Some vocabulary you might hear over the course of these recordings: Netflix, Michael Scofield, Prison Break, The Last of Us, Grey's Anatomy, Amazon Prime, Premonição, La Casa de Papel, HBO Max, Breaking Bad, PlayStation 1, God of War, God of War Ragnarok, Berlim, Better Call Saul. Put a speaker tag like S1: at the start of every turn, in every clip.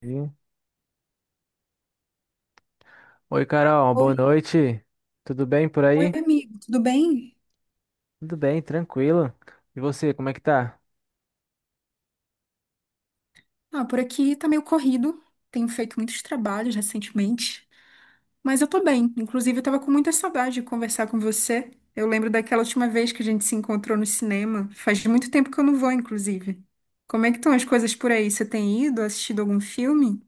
S1: Sim. Oi, Carol, boa
S2: Oi,
S1: noite. Tudo bem por aí?
S2: amigo, tudo bem?
S1: Tudo bem, tranquilo. E você, como é que tá?
S2: Ah, por aqui tá meio corrido. Tenho feito muitos trabalhos recentemente, mas eu tô bem. Inclusive, eu tava com muita saudade de conversar com você. Eu lembro daquela última vez que a gente se encontrou no cinema. Faz muito tempo que eu não vou, inclusive. Como é que estão as coisas por aí? Você tem ido, assistido algum filme?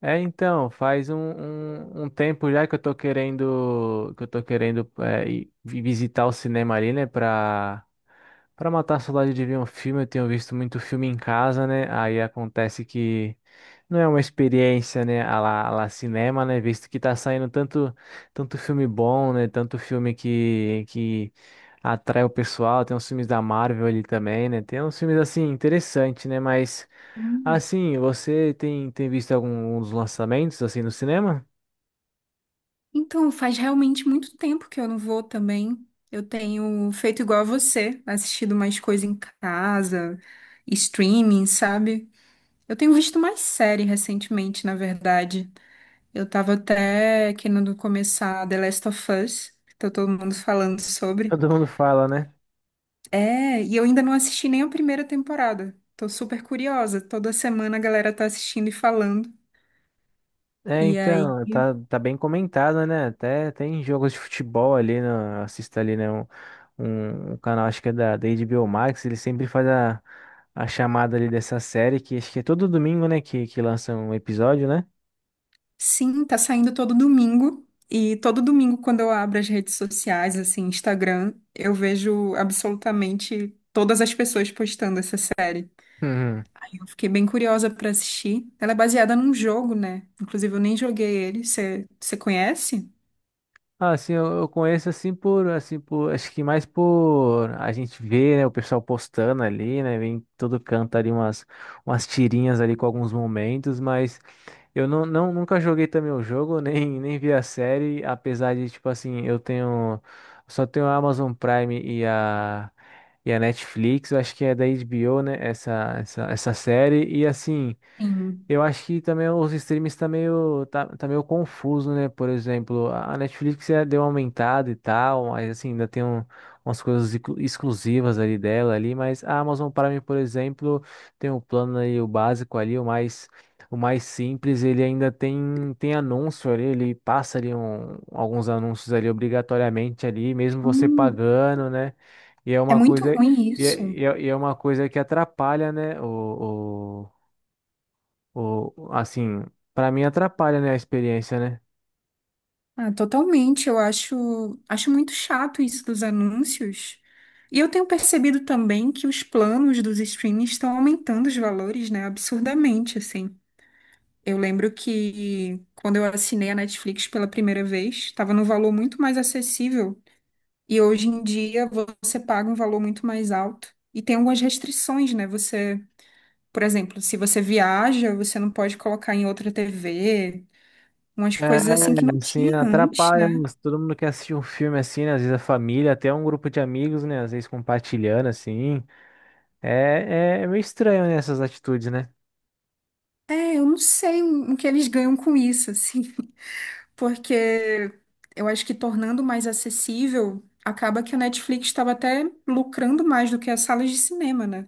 S1: Faz um tempo já que eu tô querendo ir visitar o cinema ali, né, pra matar a saudade de ver um filme. Eu tenho visto muito filme em casa, né, aí acontece que não é uma experiência, né, a lá cinema, né, visto que tá saindo tanto filme bom, né, tanto filme que atrai o pessoal. Tem uns filmes da Marvel ali também, né, tem uns filmes, assim, interessantes, né, mas...
S2: Hum.
S1: Assim, você tem visto algum um dos lançamentos assim no cinema?
S2: Então, faz realmente muito tempo que eu não vou também. Eu tenho feito igual a você, assistido mais coisa em casa, streaming, sabe? Eu tenho visto mais série recentemente, na verdade. Eu tava até querendo começar The Last of Us, que tá todo mundo falando sobre.
S1: Todo mundo fala, né?
S2: É, e eu ainda não assisti nem a primeira temporada. Tô super curiosa. Toda semana a galera tá assistindo e falando.
S1: É,
S2: E aí,
S1: então, tá bem comentado, né? Até tem jogos de futebol ali, né? Assista ali, né? Um canal, acho que é da HBO Max, ele sempre faz a chamada ali dessa série, que acho que é todo domingo, né? Que lança um episódio, né?
S2: sim, tá saindo todo domingo. E todo domingo, quando eu abro as redes sociais, assim, Instagram, eu vejo absolutamente todas as pessoas postando essa. Eu fiquei bem curiosa pra assistir. Ela é baseada num jogo, né? Inclusive, eu nem joguei ele. Você conhece?
S1: Ah, assim, eu conheço assim por, acho que mais por a gente ver, né, o pessoal postando ali, né, vem em todo canto ali umas tirinhas ali com alguns momentos, mas eu não nunca joguei também o jogo, nem vi a série, apesar de, tipo assim, eu tenho, só tenho a Amazon Prime e e a Netflix, eu acho que é da HBO, né, essa série, e assim...
S2: Sim.
S1: Eu acho que também os streams tá meio, tá meio confuso, né? Por exemplo, a Netflix já deu uma aumentada e tal, mas assim, ainda tem umas coisas exclusivas ali dela ali, mas a Amazon Prime, por exemplo, tem o plano aí, o básico ali, o mais simples, ele ainda tem, tem anúncio ali, ele passa ali alguns anúncios ali obrigatoriamente ali, mesmo você
S2: Hum,
S1: pagando, né? E é
S2: é
S1: uma
S2: muito
S1: coisa,
S2: ruim
S1: e é,
S2: isso.
S1: e é e é uma coisa que atrapalha, né? Ou assim, pra mim atrapalha, né, a experiência, né?
S2: Ah, totalmente. Eu acho, muito chato isso dos anúncios. E eu tenho percebido também que os planos dos streams estão aumentando os valores, né? Absurdamente, assim. Eu lembro que quando eu assinei a Netflix pela primeira vez, estava num valor muito mais acessível. E hoje em dia você paga um valor muito mais alto. E tem algumas restrições, né? Você, por exemplo, se você viaja, você não pode colocar em outra TV, umas coisas assim que não
S1: É, assim,
S2: tinha antes,
S1: atrapalha, né?
S2: né?
S1: Todo mundo quer assistir um filme assim, né? Às vezes a família, até um grupo de amigos, né? Às vezes compartilhando, assim. É meio estranho, né, essas atitudes, né?
S2: É, eu não sei o que eles ganham com isso, assim, porque eu acho que tornando mais acessível, acaba que a Netflix estava até lucrando mais do que as salas de cinema, né?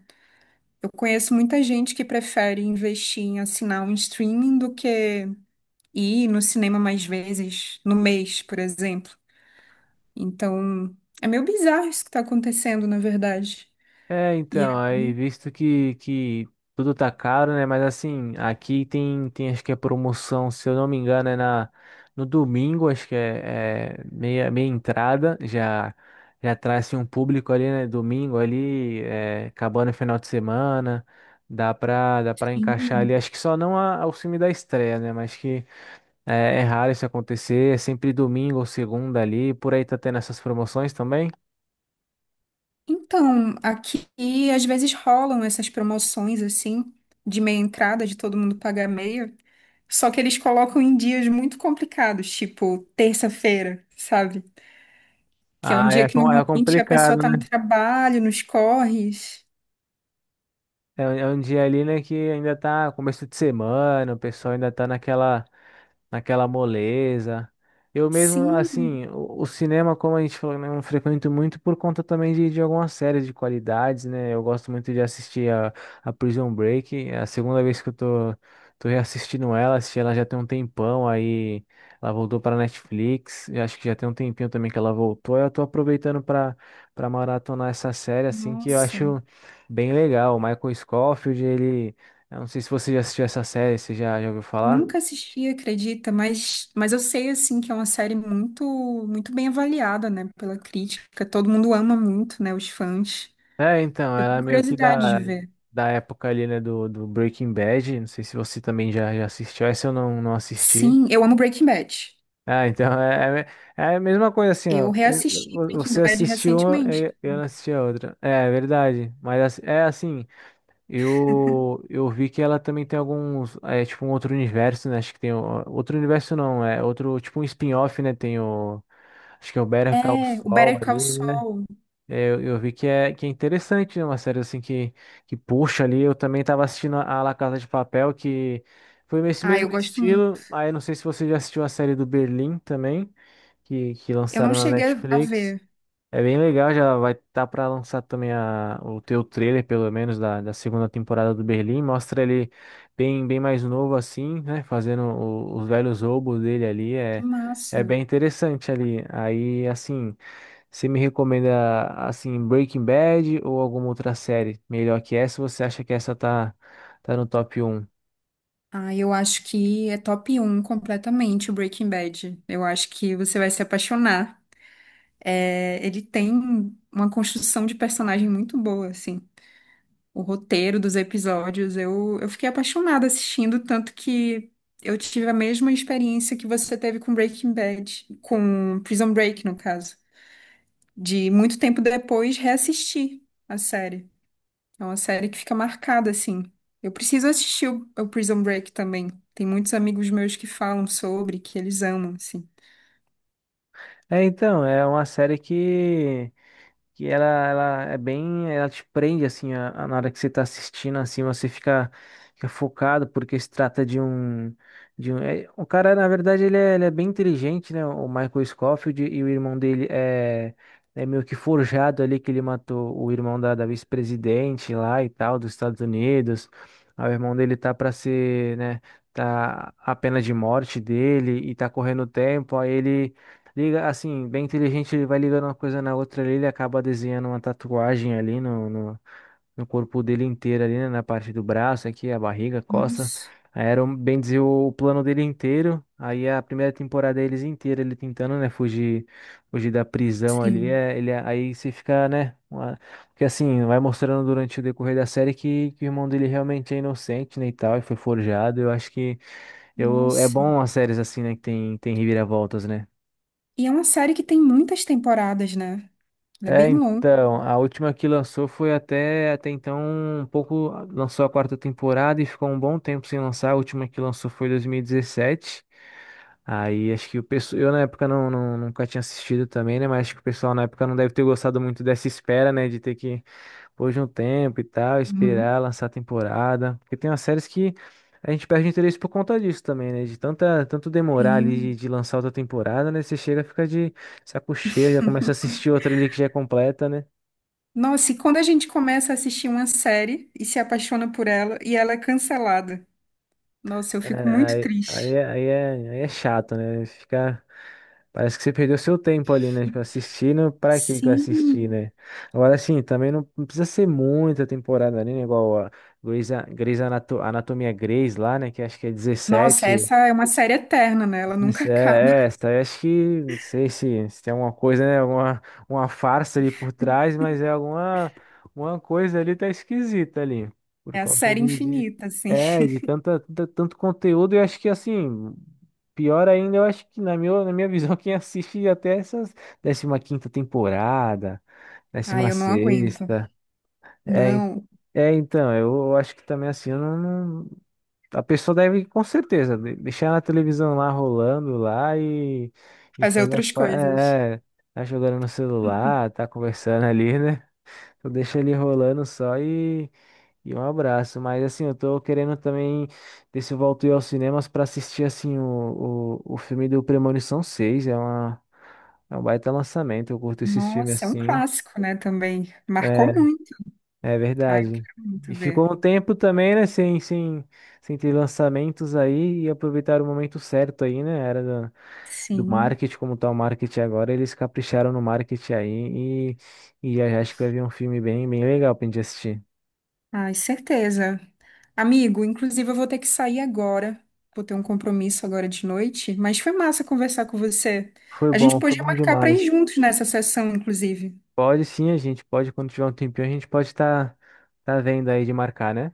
S2: Eu conheço muita gente que prefere investir em assinar um streaming do que e ir no cinema mais vezes no mês, por exemplo. Então, é meio bizarro isso que está acontecendo, na verdade.
S1: É,
S2: E
S1: então, aí
S2: aí,
S1: visto que tudo tá caro, né? Mas assim, aqui tem, tem acho que é promoção, se eu não me engano, é no domingo, acho que é, é meia, meia entrada, já traz assim, um público ali, né? Domingo ali, é, acabando o final de semana, dá pra encaixar ali,
S2: sim.
S1: acho que só não a, ao filme da estreia, né? Mas que é, é raro isso acontecer, é sempre domingo ou segunda ali, por aí tá tendo essas promoções também.
S2: Então, aqui às vezes rolam essas promoções assim, de meia entrada, de todo mundo pagar meia. Só que eles colocam em dias muito complicados, tipo terça-feira, sabe? Que é um
S1: Ah,
S2: dia
S1: é,
S2: que
S1: é
S2: normalmente a pessoa
S1: complicado,
S2: tá no
S1: né?
S2: trabalho, nos corres.
S1: É, é um dia ali, né, que ainda tá começo de semana, o pessoal ainda tá naquela moleza. Eu mesmo,
S2: Sim,
S1: assim, o cinema, como a gente falou, né, eu frequento muito por conta também de algumas séries de qualidades, né? Eu gosto muito de assistir a Prison Break. É a segunda vez que eu tô reassistindo ela, assisti ela já tem um tempão, aí ela voltou para Netflix. Eu acho que já tem um tempinho também que ela voltou. Eu tô aproveitando para maratonar essa série, assim, que eu
S2: nossa.
S1: acho bem legal. O Michael Scofield, ele. Eu não sei se você já assistiu essa série, você já ouviu
S2: Eu
S1: falar?
S2: nunca assisti, acredita, mas eu sei assim que é uma série muito muito bem avaliada, né, pela crítica. Todo mundo ama muito, né, os fãs.
S1: É, então,
S2: Eu
S1: era
S2: tenho
S1: meio que
S2: curiosidade de ver.
S1: da época ali, né, do Breaking Bad. Não sei se você também já assistiu, essa eu não assisti.
S2: Sim, eu amo Breaking Bad.
S1: Ah, então é a mesma coisa assim,
S2: Eu
S1: ó.
S2: reassisti Breaking
S1: Você
S2: Bad
S1: assistiu uma,
S2: recentemente.
S1: eu não assisti a outra. É, é verdade. Mas assim, é assim, eu vi que ela também tem alguns. É tipo um outro universo, né? Acho que tem. Outro universo não, é outro, tipo um spin-off, né? Tem o. Acho que é o Better Call
S2: É, o
S1: Saul
S2: Better Call
S1: ali.
S2: Saul.
S1: É, eu vi que é interessante, né? Uma série assim que puxa ali. Eu também estava assistindo a La Casa de Papel, que foi esse
S2: Ah,
S1: mesmo
S2: eu gosto muito.
S1: estilo. Aí não sei se você já assistiu a série do Berlim também, que
S2: Eu não
S1: lançaram na
S2: cheguei a
S1: Netflix.
S2: ver.
S1: É bem legal, já vai estar para lançar também a, o teu trailer, pelo menos, da segunda temporada do Berlim. Mostra ele bem mais novo assim, né? Fazendo os velhos roubos dele ali.
S2: Que
S1: É, é
S2: massa.
S1: bem interessante ali. Aí, assim. Você me recomenda, assim, Breaking Bad ou alguma outra série melhor que essa? Você acha que essa tá no top um?
S2: Ah, eu acho que é top um completamente o Breaking Bad. Eu acho que você vai se apaixonar. É, ele tem uma construção de personagem muito boa, assim. O roteiro dos episódios, eu fiquei apaixonada assistindo, tanto que eu tive a mesma experiência que você teve com Breaking Bad, com Prison Break, no caso, de muito tempo depois reassistir a série. É uma série que fica marcada, assim. Eu preciso assistir o Prison Break também. Tem muitos amigos meus que falam sobre, que eles amam, assim.
S1: É, então, é uma série que ela é bem, ela te prende assim na hora que você tá assistindo assim, você fica focado porque se trata de um o cara na verdade ele é bem inteligente, né? O Michael Scofield e o irmão dele é é meio que forjado ali que ele matou o irmão da vice-presidente lá e tal dos Estados Unidos. Aí o irmão dele tá para ser, né, tá a pena de morte dele e tá correndo o tempo, aí ele liga, assim, bem inteligente, ele vai ligando uma coisa na outra ali, ele acaba desenhando uma tatuagem ali no corpo dele inteiro ali, né, na parte do braço aqui, a barriga, a costa.
S2: Nossa,
S1: Aí era, bem dizer, o plano dele inteiro. Aí a primeira temporada é eles inteira, ele tentando, né, fugir da prisão ali,
S2: sim.
S1: é, ele, aí você fica, né, porque assim, vai mostrando durante o decorrer da série que o irmão dele realmente é inocente, né, e tal, e foi forjado. Eu acho que eu, é
S2: Nossa.
S1: bom as séries assim, né, que tem, tem reviravoltas, né?
S2: E é uma série que tem muitas temporadas, né? Ela é
S1: É,
S2: bem longa.
S1: então, a última que lançou foi até, até então um pouco, lançou a quarta temporada e ficou um bom tempo sem lançar. A última que lançou foi 2017. Aí acho que o pessoal, eu na época nunca tinha assistido também, né? Mas acho que o pessoal na época não deve ter gostado muito dessa espera, né? De ter que pôr de um tempo e tal,
S2: Uhum.
S1: esperar lançar a temporada. Porque tem umas séries que a gente perde interesse por conta disso também, né? De tanto demorar ali
S2: Sim.
S1: de lançar outra temporada, né? Você chega, fica de saco cheio, já começa a assistir outra ali que já é completa, né?
S2: Nossa, e quando a gente começa a assistir uma série e se apaixona por ela e ela é cancelada, nossa, eu fico muito triste.
S1: Aí é chato, né? Fica, parece que você perdeu seu tempo ali, né? Tipo, assistindo, pra que que eu assisti,
S2: Sim.
S1: né? Agora, assim, também não precisa ser muita temporada ali, né? Igual a Anatomia Grey's lá, né? Que acho que é
S2: Nossa,
S1: 17
S2: essa é uma série eterna, né? Ela nunca
S1: isso
S2: acaba.
S1: é, é essa. Eu acho que não sei se tem alguma coisa, né? Alguma uma farsa ali por trás, mas é alguma uma coisa ali tá esquisita ali. Por
S2: É a
S1: conta
S2: série
S1: de
S2: infinita, assim.
S1: é, de tanto conteúdo, eu acho que assim, pior ainda, eu acho que na na minha visão, quem assiste até essas décima quinta temporada,
S2: Ai,
S1: décima
S2: eu não aguento.
S1: sexta. É, en-
S2: Não,
S1: então, eu acho que também assim, eu não. A pessoa deve, com certeza, deixar na televisão lá rolando lá e
S2: fazer
S1: fazer, a
S2: outras
S1: pa-
S2: coisas.
S1: é, é, tá jogando no celular, tá conversando ali, né? Então deixa ele rolando só e um abraço. Mas assim, eu tô querendo também ver se eu volto eu aos cinemas pra assistir assim o filme do Premonição 6. É uma, é um baita lançamento, eu curto esses filmes
S2: Nossa, é um
S1: assim.
S2: clássico, né, também. Marcou
S1: É,
S2: muito.
S1: é
S2: Ai, eu
S1: verdade.
S2: quero
S1: E
S2: muito ver.
S1: ficou um tempo também, né, sem ter lançamentos aí e aproveitaram o momento certo aí, né? Era da-
S2: Sim.
S1: marketing, como tá o marketing agora, eles capricharam no marketing aí e eu acho que vai vir um filme bem legal pra gente assistir.
S2: Ai, certeza. Amigo, inclusive eu vou ter que sair agora. Vou ter um compromisso agora de noite, mas foi massa conversar com você. A gente
S1: Foi
S2: podia
S1: bom
S2: marcar para ir
S1: demais.
S2: juntos nessa sessão, inclusive.
S1: Pode sim, a gente pode, quando tiver um tempinho, a gente pode tá vendo aí de marcar, né?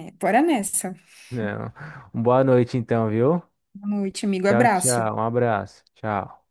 S2: É, bora nessa.
S1: Não. Boa noite então, viu?
S2: Boa noite, amigo.
S1: Tchau,
S2: Abraço.
S1: tchau. Um abraço. Tchau.